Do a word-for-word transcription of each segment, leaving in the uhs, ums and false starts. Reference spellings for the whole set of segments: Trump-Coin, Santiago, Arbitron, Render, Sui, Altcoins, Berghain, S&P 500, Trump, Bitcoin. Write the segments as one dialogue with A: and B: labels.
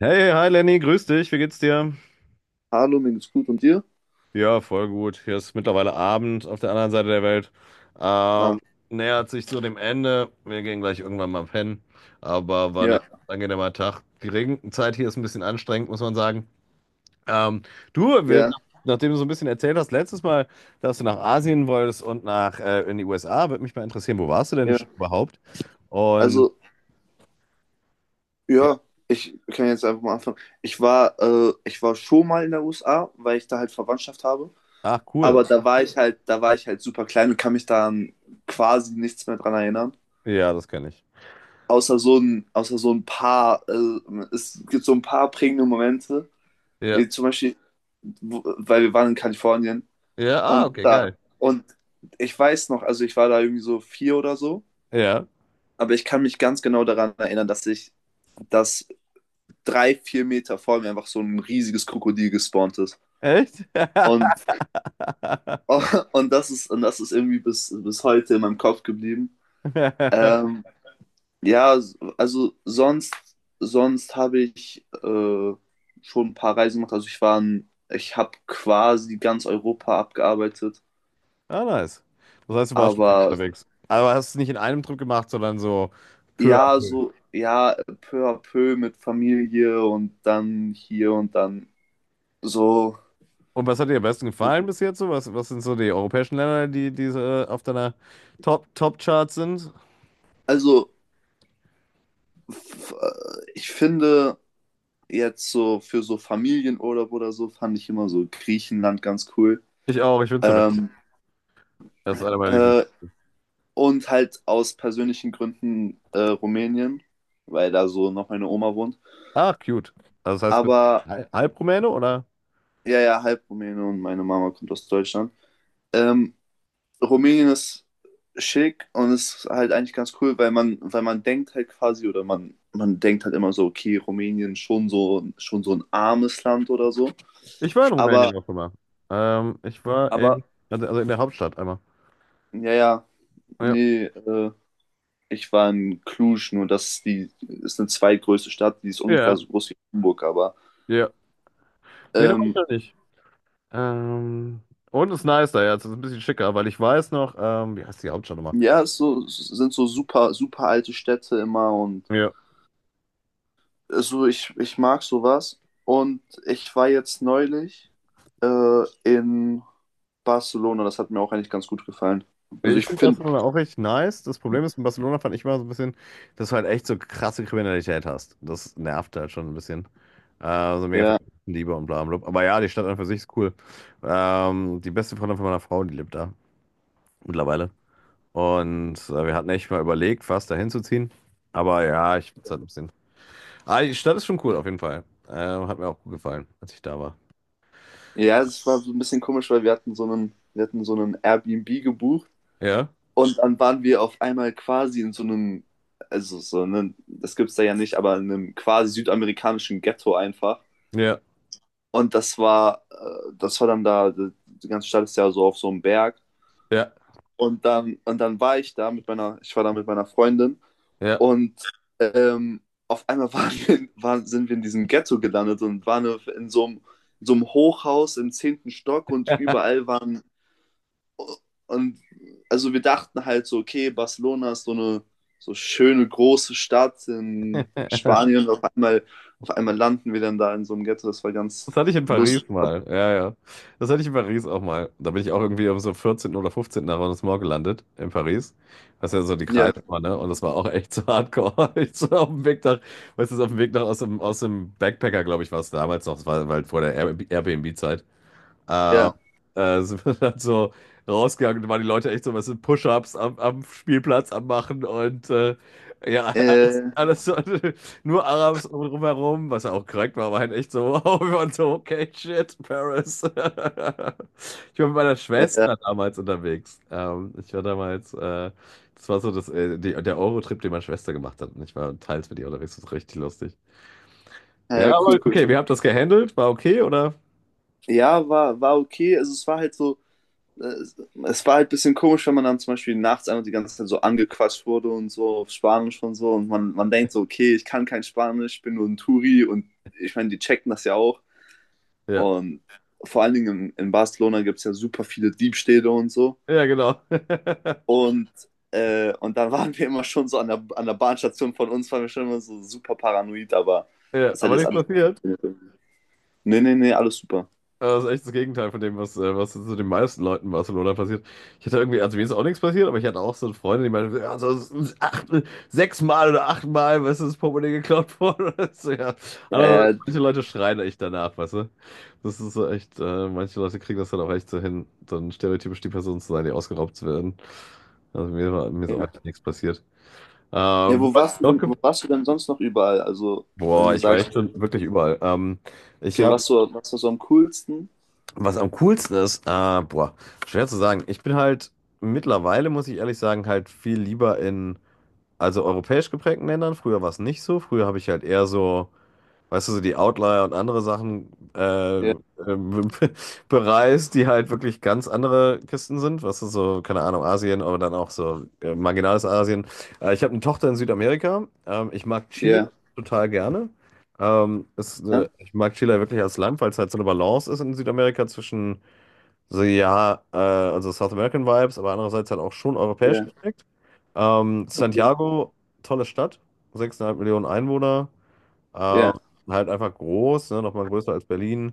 A: Hey, hi Lenny, grüß dich, wie geht's dir?
B: Hallo, mir geht's gut und dir?
A: Ja, voll gut. Hier ist mittlerweile Abend auf der anderen Seite der Welt.
B: Ah,
A: Ähm, Nähert sich zu dem Ende. Wir gehen gleich irgendwann mal pennen. Aber war ein
B: ja,
A: ganz angenehmer Tag. Die Regenzeit hier ist ein bisschen anstrengend, muss man sagen. Ähm, du, wir,
B: ja,
A: nachdem du so ein bisschen erzählt hast, letztes Mal, dass du nach Asien wolltest und nach äh, in die U S A, würde mich mal interessieren, wo warst du denn
B: ja.
A: schon überhaupt? Und
B: Also,
A: ja,
B: ja, ich kann jetzt einfach mal anfangen. Ich war, äh, ich war schon mal in der U S A, weil ich da halt Verwandtschaft habe.
A: ach
B: Aber
A: cool.
B: da war ich halt, da war ich halt super klein und kann mich da quasi nichts mehr dran erinnern.
A: Ja, das kenne ich.
B: Außer so ein, außer so ein paar, äh, es gibt so ein paar prägende Momente.
A: Ja,
B: Äh, Zum Beispiel, wo- weil wir waren in Kalifornien
A: ja, ah,
B: und
A: okay,
B: da,
A: geil.
B: und ich weiß noch, also ich war da irgendwie so vier oder so.
A: Ja,
B: Aber ich kann mich ganz genau daran erinnern, dass ich, dass drei, vier Meter vor mir einfach so ein riesiges Krokodil gespawnt ist.
A: echt?
B: Und,
A: Krass.
B: und, das, ist, und das ist irgendwie bis, bis heute in meinem Kopf geblieben. Ähm, ja, also sonst, sonst habe ich äh, schon ein paar Reisen gemacht. Also ich war in, ich habe quasi ganz Europa abgearbeitet.
A: Ah, nice. Das heißt, du warst schon viel
B: Aber
A: unterwegs. Aber hast es nicht in einem Trip gemacht, sondern so peu à
B: ja,
A: peu.
B: so, ja, peu à peu mit Familie und dann hier und dann so.
A: Und was hat dir am besten gefallen bis jetzt so? Was, was sind so die europäischen Länder, die, die so, äh, auf deiner Top, Top-Chart sind?
B: Also, f- äh, ich finde jetzt so für so Familienurlaub oder so fand ich immer so Griechenland ganz cool.
A: Ich auch, ich bin weg.
B: Ähm,
A: Das ist einer meiner Lieblinge.
B: äh, und halt aus persönlichen Gründen, äh, Rumänien, weil da so noch meine Oma wohnt.
A: Ah, cute. Also das heißt, bist
B: Aber
A: du hal- halb Rumäne oder?
B: ja, ja, halb Rumäne und meine Mama kommt aus Deutschland. Ähm, Rumänien ist schick und ist halt eigentlich ganz cool, weil man, weil man denkt halt quasi, oder man, man denkt halt immer so, okay, Rumänien schon so, schon so ein armes Land oder so.
A: Ich war in
B: Aber
A: Rumänien auch immer. Ähm, ich war
B: Aber,
A: in, also also in der Hauptstadt einmal.
B: ja, ja,
A: Ja.
B: nee, äh, ich war in Cluj, nur das ist die ist eine zweitgrößte Stadt, die ist ungefähr
A: Ja,
B: so groß wie Hamburg, aber
A: ja. Nee, da war ich
B: ähm,
A: noch nicht. Ähm, und ist nicer, ja, jetzt, ist ein bisschen schicker, weil ich weiß noch, ähm, wie heißt die Hauptstadt nochmal?
B: ja, es so, es sind so super, super alte Städte immer, und
A: Ja.
B: äh, so, ich, ich mag sowas. Und ich war jetzt neulich äh, in Barcelona, das hat mir auch eigentlich ganz gut gefallen. Also
A: Ich
B: ich
A: finde
B: finde,
A: Barcelona auch echt nice. Das Problem ist, in Barcelona fand ich immer so ein bisschen, dass du halt echt so krasse Kriminalität hast. Das nervt halt schon ein bisschen. Äh, so mega viel
B: ja,
A: Liebe und bla bla bla. Aber ja, die Stadt an für sich ist cool. Ähm, die beste Freundin von meiner Frau, die lebt da mittlerweile. Und äh, wir hatten echt mal überlegt, fast dahin zu ziehen. Aber ja, ich find's halt ein bisschen. Ah, die Stadt ist schon cool, auf jeden Fall. Ähm, hat mir auch gut gefallen, als ich da war.
B: ja, es war so ein bisschen komisch, weil wir hatten so einen, wir hatten so einen Airbnb gebucht.
A: Ja,
B: Und dann waren wir auf einmal quasi in so einem, also so einem, das gibt's da ja nicht, aber in einem quasi südamerikanischen Ghetto einfach.
A: ja.
B: Und das war, äh, das war dann da, die ganze Stadt ist ja so auf so einem Berg.
A: Ja,
B: Und dann, und dann war ich da mit meiner, ich war da mit meiner Freundin
A: ja.
B: und ähm, auf einmal waren wir, waren, sind wir in diesem Ghetto gelandet und waren in so einem, in so einem Hochhaus im zehnten Stock und überall waren. Und also wir dachten halt so, okay, Barcelona ist so eine so schöne große Stadt in Spanien. Auf einmal, auf einmal landen wir dann da in so einem Ghetto. Das war
A: Das
B: ganz
A: hatte ich in
B: lustig.
A: Paris
B: Aber-
A: mal. Ja, ja. Das hatte ich in Paris auch mal. Da bin ich auch irgendwie um so vierzehnten oder fünfzehnten. Arrondissement gelandet in Paris. Das ist ja so die
B: Ja,
A: Kreise war, ne? Und das war auch echt so hardcore. Ich so auf dem Weg nach, weißt du, so auf dem Weg nach aus dem, aus dem Backpacker, glaube ich, war es damals noch. Das war halt vor der Air- Airbnb-Zeit. Äh,
B: ja.
A: äh, Sind wir dann so rausgegangen und da waren die Leute echt so, was sind Push-ups am, am Spielplatz am Machen und äh, ja, alles,
B: Äh,
A: alles so, nur Arabs um- drumherum, was ja auch korrekt war, aber halt echt so, wow, wir waren so, okay, shit, Paris. Ich war mit meiner
B: ja, ja,
A: Schwester damals unterwegs. Ähm, ich war damals, äh, das war so das, äh, die, der Eurotrip, den meine Schwester gemacht hat und ich war teils mit ihr unterwegs, das war richtig lustig. Ja,
B: ja,
A: aber
B: cool, cool.
A: okay, wir haben das gehandelt, war okay, oder?
B: Ja, war, war okay. Also es war halt so, äh, es war halt ein bisschen komisch, wenn man dann zum Beispiel nachts einfach die ganze Zeit so angequatscht wurde und so auf Spanisch und so. Und man, man denkt so, okay, ich kann kein Spanisch, ich bin nur ein Touri, und ich meine, die checken das ja auch.
A: Ja,
B: Und vor allen Dingen in, in Barcelona gibt es ja super viele Diebstähle und so.
A: ja, genau.
B: Und, äh, und dann waren wir immer schon so an der, an der Bahnstation von uns, waren wir schon immer so super paranoid, aber
A: Ja,
B: das hat
A: aber
B: jetzt
A: nichts
B: alles auch
A: passiert.
B: funktioniert. Nee, nee, nee, alles super.
A: Das ist echt das Gegenteil von dem, was, äh, was zu den meisten Leuten in Barcelona passiert. Ich hatte irgendwie, also mir ist auch nichts passiert, aber ich hatte auch so eine Freundin, die meinte, ja, so s- s- acht, sechsmal oder achtmal, weißt du, das Portemonnaie geklaut worden. Weißt ja.
B: Ja,
A: Andererseits,
B: ja,
A: manche Leute schreien echt danach, weißt du. Das ist so echt, äh, manche Leute kriegen das dann auch echt so hin, dann stereotypisch die Person zu sein, die ausgeraubt werden. Also mir war, mir ist auch
B: ja.
A: echt nichts passiert.
B: Ja,
A: Ähm,
B: wo
A: was
B: warst du
A: noch
B: denn,
A: ge-.
B: wo warst du denn sonst noch überall? Also, wenn
A: Boah,
B: du
A: ich war
B: sagst,
A: echt schon wirklich überall. Ähm, ich
B: okay,
A: habe.
B: was so, was war so am coolsten?
A: Was am coolsten ist, äh, boah, schwer zu sagen. Ich bin halt mittlerweile, muss ich ehrlich sagen, halt viel lieber in, also europäisch geprägten Ländern. Früher war es nicht so. Früher habe ich halt eher so, weißt du, so die Outlier und andere Sachen äh,
B: Ja,
A: ähm, bereist, die halt wirklich ganz andere Kisten sind. Was ist so, keine Ahnung, Asien, aber dann auch so äh, marginales Asien. Äh, ich habe eine Tochter in Südamerika. Ähm, ich mag Chile
B: ja,
A: total gerne. Ähm, es, äh,
B: ja,
A: ich mag Chile wirklich als Land, weil es halt so eine Balance ist in Südamerika zwischen so, ja, äh, also South American Vibes, aber andererseits halt auch schon europäisch
B: ja,
A: geprägt. Ähm,
B: okay.
A: Santiago, tolle Stadt, sechseinhalb Millionen Einwohner, ähm,
B: Ja,
A: halt einfach groß, ne, nochmal größer als Berlin.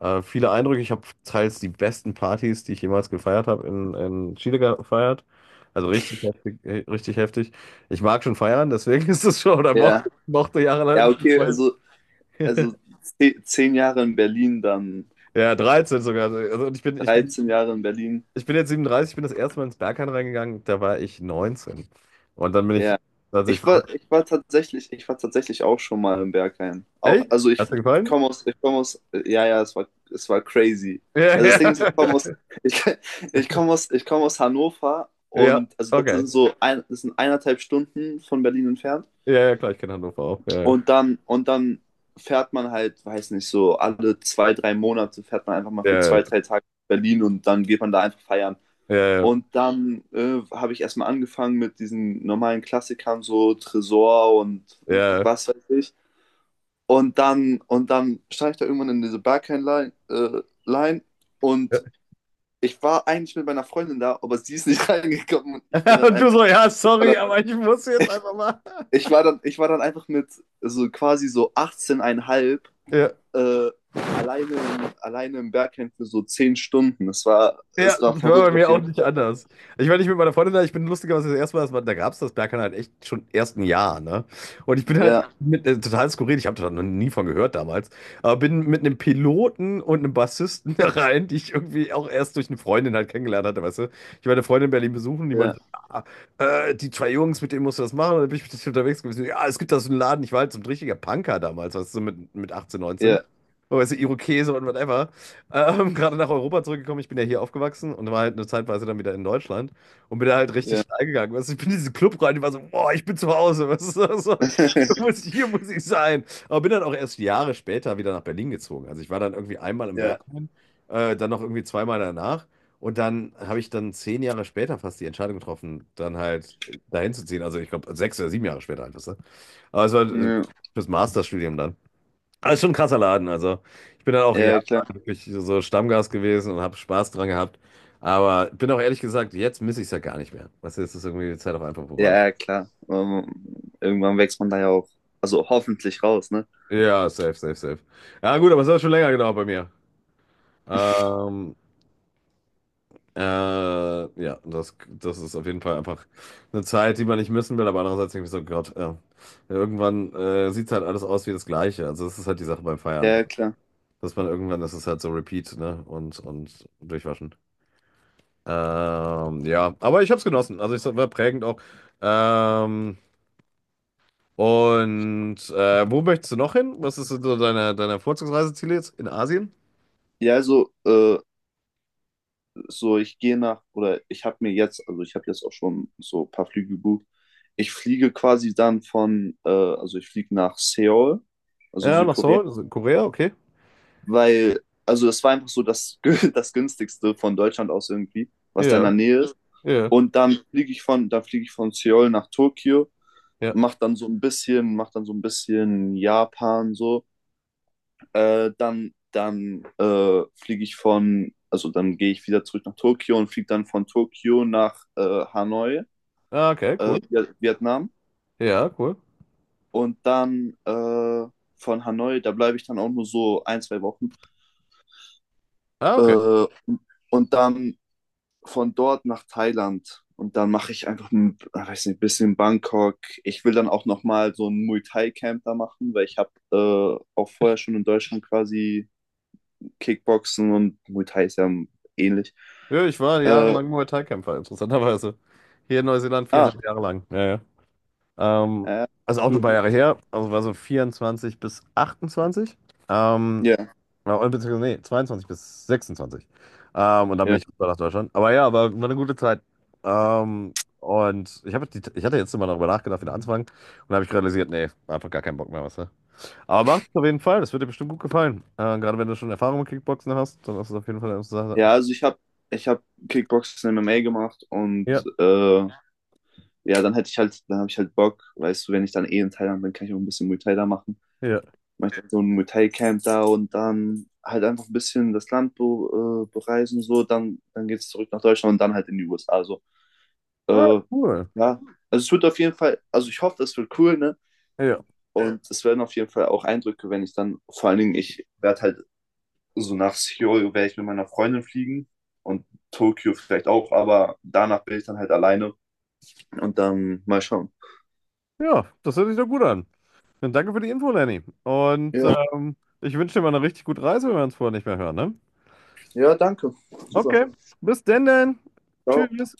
A: Äh, viele Eindrücke, ich habe teils die besten Partys, die ich jemals gefeiert habe, in, in Chile gefeiert. Also richtig heftig, äh, richtig heftig. Ich mag schon feiern, deswegen ist es schon, oder
B: ja.
A: mochte, mochte
B: Ja,
A: jahrelang schon
B: okay,
A: feiern.
B: also, also ze- zehn Jahre in Berlin, dann
A: Ja, dreizehn sogar. Also und ich bin, ich bin
B: dreizehn Jahre in Berlin.
A: Ich bin jetzt siebenunddreißig, ich bin das erste Mal ins Berghain reingegangen, da war ich neunzehn. Und dann bin
B: Ja.
A: ich tatsächlich
B: Ich war,
A: verrückt.
B: ich war tatsächlich, ich war tatsächlich auch schon mal im Berghain.
A: Echt?
B: Auch, also ich
A: Hat's dir gefallen?
B: komme aus, ich komme aus, ja, ja, es war, es war crazy.
A: Ja,
B: Also das
A: ja.
B: Ding ist, ich komme aus, ich, ich komme aus, ich komme aus Hannover,
A: Ja,
B: und also das
A: okay.
B: sind so ein, das sind eineinhalb Stunden von Berlin entfernt.
A: Ja, ja, klar, ich kenne Hannover auch. Ja,
B: Und dann, und dann fährt man halt, weiß nicht, so alle zwei, drei Monate fährt man einfach mal für
A: ja,
B: zwei, drei Tage nach Berlin und dann geht man da einfach feiern.
A: ja, ja, okay.
B: Und dann äh, habe ich erstmal angefangen mit diesen normalen Klassikern, so Tresor und
A: Ja.
B: was weiß ich. Und dann, und dann stand ich da irgendwann in diese Barcane-Line, äh, Line und ich war eigentlich mit meiner Freundin da, aber sie ist nicht reingekommen und ich bin
A: Ja.
B: dann
A: Und du
B: einfach,
A: so, ja,
B: ich war
A: sorry,
B: dann,
A: aber ich muss jetzt einfach mal.
B: ich war dann, ich war dann einfach mit so quasi so achtzehn Komma fünf
A: Ja.
B: äh, alleine, im- alleine im Bergheim für so zehn Stunden. Es war,
A: Ja,
B: es war
A: das war bei
B: verrückt auf
A: mir auch
B: jeden
A: nicht
B: Fall.
A: anders. Ich war nicht mit meiner Freundin da, ich bin lustigerweise das erste Mal, das war, da gab es das Berghain halt echt schon erst ein Jahr, ne? Und ich bin halt
B: Ja,
A: mit, äh, total skurril, ich habe da noch nie von gehört damals, aber bin mit einem Piloten und einem Bassisten da rein, die ich irgendwie auch erst durch eine Freundin halt kennengelernt hatte, weißt du? Ich war eine Freundin in Berlin besuchen, die meinte,
B: ja,
A: ja, äh, die zwei Jungs, mit denen musst du das machen, und dann bin ich mit denen unterwegs gewesen, ja, es gibt da so einen Laden, ich war halt so ein richtiger Punker damals, weißt du, so mit, mit achtzehn, neunzehn.
B: ja,
A: Weißt du, Irokese und whatever. Ähm, gerade nach Europa zurückgekommen. Ich bin ja hier aufgewachsen und war halt eine Zeitweise dann wieder in Deutschland und bin da halt richtig
B: ja.
A: steil gegangen. Weißt du, ich bin in diesen Club rein, ich war so: „Boah, ich bin zu Hause." Weißt du, so hier muss hier muss ich sein. Aber bin dann auch erst Jahre später wieder nach Berlin gezogen. Also, ich war dann irgendwie einmal im
B: Ja.
A: Berghain, äh, dann noch irgendwie zweimal danach und dann habe ich dann zehn Jahre später fast die Entscheidung getroffen, dann halt äh, dahin zu ziehen. Also, ich glaube sechs oder sieben Jahre später halt, weißt du? Aber es war, äh,
B: Ja,
A: fürs Masterstudium dann. Aber ist schon ein krasser Laden. Also, ich bin dann auch
B: ja, ja,
A: jahrelang
B: klar.
A: wirklich so Stammgast gewesen und habe Spaß dran gehabt. Aber bin auch ehrlich gesagt, jetzt miss ich es ja gar nicht mehr. Was jetzt ist irgendwie die Zeit auch einfach vorbei.
B: Ja, ja, klar. Ähm, irgendwann wächst man da ja auch, also hoffentlich raus, ne?
A: Ja, safe, safe, safe. Ja, gut, aber es hat schon länger gedauert bei mir. Ähm, äh, ja, das, das ist auf jeden Fall einfach eine Zeit, die man nicht missen will, aber andererseits denke ich so, Gott, ja. Irgendwann äh, sieht halt alles aus wie das Gleiche. Also, das ist halt die Sache beim Feiern.
B: Ja, ja, klar.
A: Dass man irgendwann, das ist halt so Repeat, ne? Und, und durchwaschen. Ähm, ja, aber ich habe es genossen. Also es war prägend auch. Ähm, und äh, wo möchtest du noch hin? Was ist so deine, deine Vorzugsreiseziele jetzt in Asien?
B: Ja, also, äh, so ich gehe nach, oder ich habe mir jetzt, also ich habe jetzt auch schon so ein paar Flüge gebucht. Ich fliege quasi dann von, äh, also ich fliege nach Seoul, also
A: Ja, nach
B: Südkorea,
A: Seoul, also in Korea, okay.
B: weil, also es war einfach so das, das günstigste von Deutschland aus irgendwie, was da in der
A: Ja,
B: Nähe ist.
A: ja,
B: Und dann fliege ich von, dann fliege ich von Seoul nach Tokio,
A: ja.
B: macht dann so ein bisschen, macht dann so ein bisschen Japan so. Äh, dann dann äh, fliege ich von, also dann gehe ich wieder zurück nach Tokio und fliege dann von Tokio nach, äh, Hanoi,
A: Ah, okay,
B: äh,
A: cool.
B: Viet- Vietnam.
A: Ja, cool.
B: Und dann äh, von Hanoi, da bleibe ich dann auch nur so ein, zwei Wochen.
A: Ah, okay.
B: Äh, und dann von dort nach Thailand, und dann mache ich einfach ein, äh, weiß nicht, ein bisschen Bangkok. Ich will dann auch nochmal so ein Muay Thai Camp da machen, weil ich habe äh, auch vorher
A: Ich,
B: schon in Deutschland quasi Kickboxen, und Muay Thai ist ja ähnlich.
A: ja, ich war
B: Äh,
A: jahrelang Muay Thai-Kämpfer, interessanterweise. Hier in Neuseeland
B: ah,
A: viereinhalb Jahre lang. Ja, ja. Ähm,
B: ja,
A: also auch schon ein
B: cool.
A: paar Jahre her. Also war so vierundzwanzig bis achtundzwanzig. Ähm,
B: Ja,
A: Ja, oder beziehungsweise, nee, zweiundzwanzig bis sechsundzwanzig. Ähm, und dann
B: ja.
A: bin ich rüber nach Deutschland. Aber ja, war, war eine gute Zeit. Ähm, und ich, hab die, ich hatte jetzt immer darüber nachgedacht, wieder anzufangen. Und da habe ich realisiert, nee, einfach gar keinen Bock mehr, weißt du. Aber macht es auf jeden Fall, das wird dir bestimmt gut gefallen. Äh, gerade wenn du schon Erfahrung mit Kickboxen hast, dann ist es auf jeden Fall eine Sache.
B: Ja, also ich habe ich hab Kickboxen M M A gemacht, und
A: Ja,
B: äh, ja, dann hätte ich halt, dann habe ich halt Bock, weißt du, wenn ich dann eh in Thailand bin, kann ich auch ein bisschen Muay Thai da machen.
A: ja.
B: Mache dann so ein Muay Thai Camp da und dann halt einfach ein bisschen das Land be äh, bereisen, so, dann, dann geht es zurück nach Deutschland und dann halt in die U S A. Also,
A: Ah,
B: äh,
A: cool.
B: ja, also es wird auf jeden Fall, also ich hoffe, das wird cool, ne?
A: Ja,
B: Und es werden auf jeden Fall auch Eindrücke, wenn ich dann, vor allen Dingen, ich werde halt so, nach Seoul werde ich mit meiner Freundin fliegen, und Tokio vielleicht auch, aber danach bin ich dann halt alleine und dann mal schauen.
A: ja, das hört sich doch gut an. Dann danke für die Info, Lenny. Und
B: Ja,
A: ähm, ich wünsche dir mal eine richtig gute Reise, wenn wir uns vorher nicht mehr hören, ne?
B: ja, danke. Super.
A: Okay, bis denn dann.
B: Ciao.
A: Tschüss.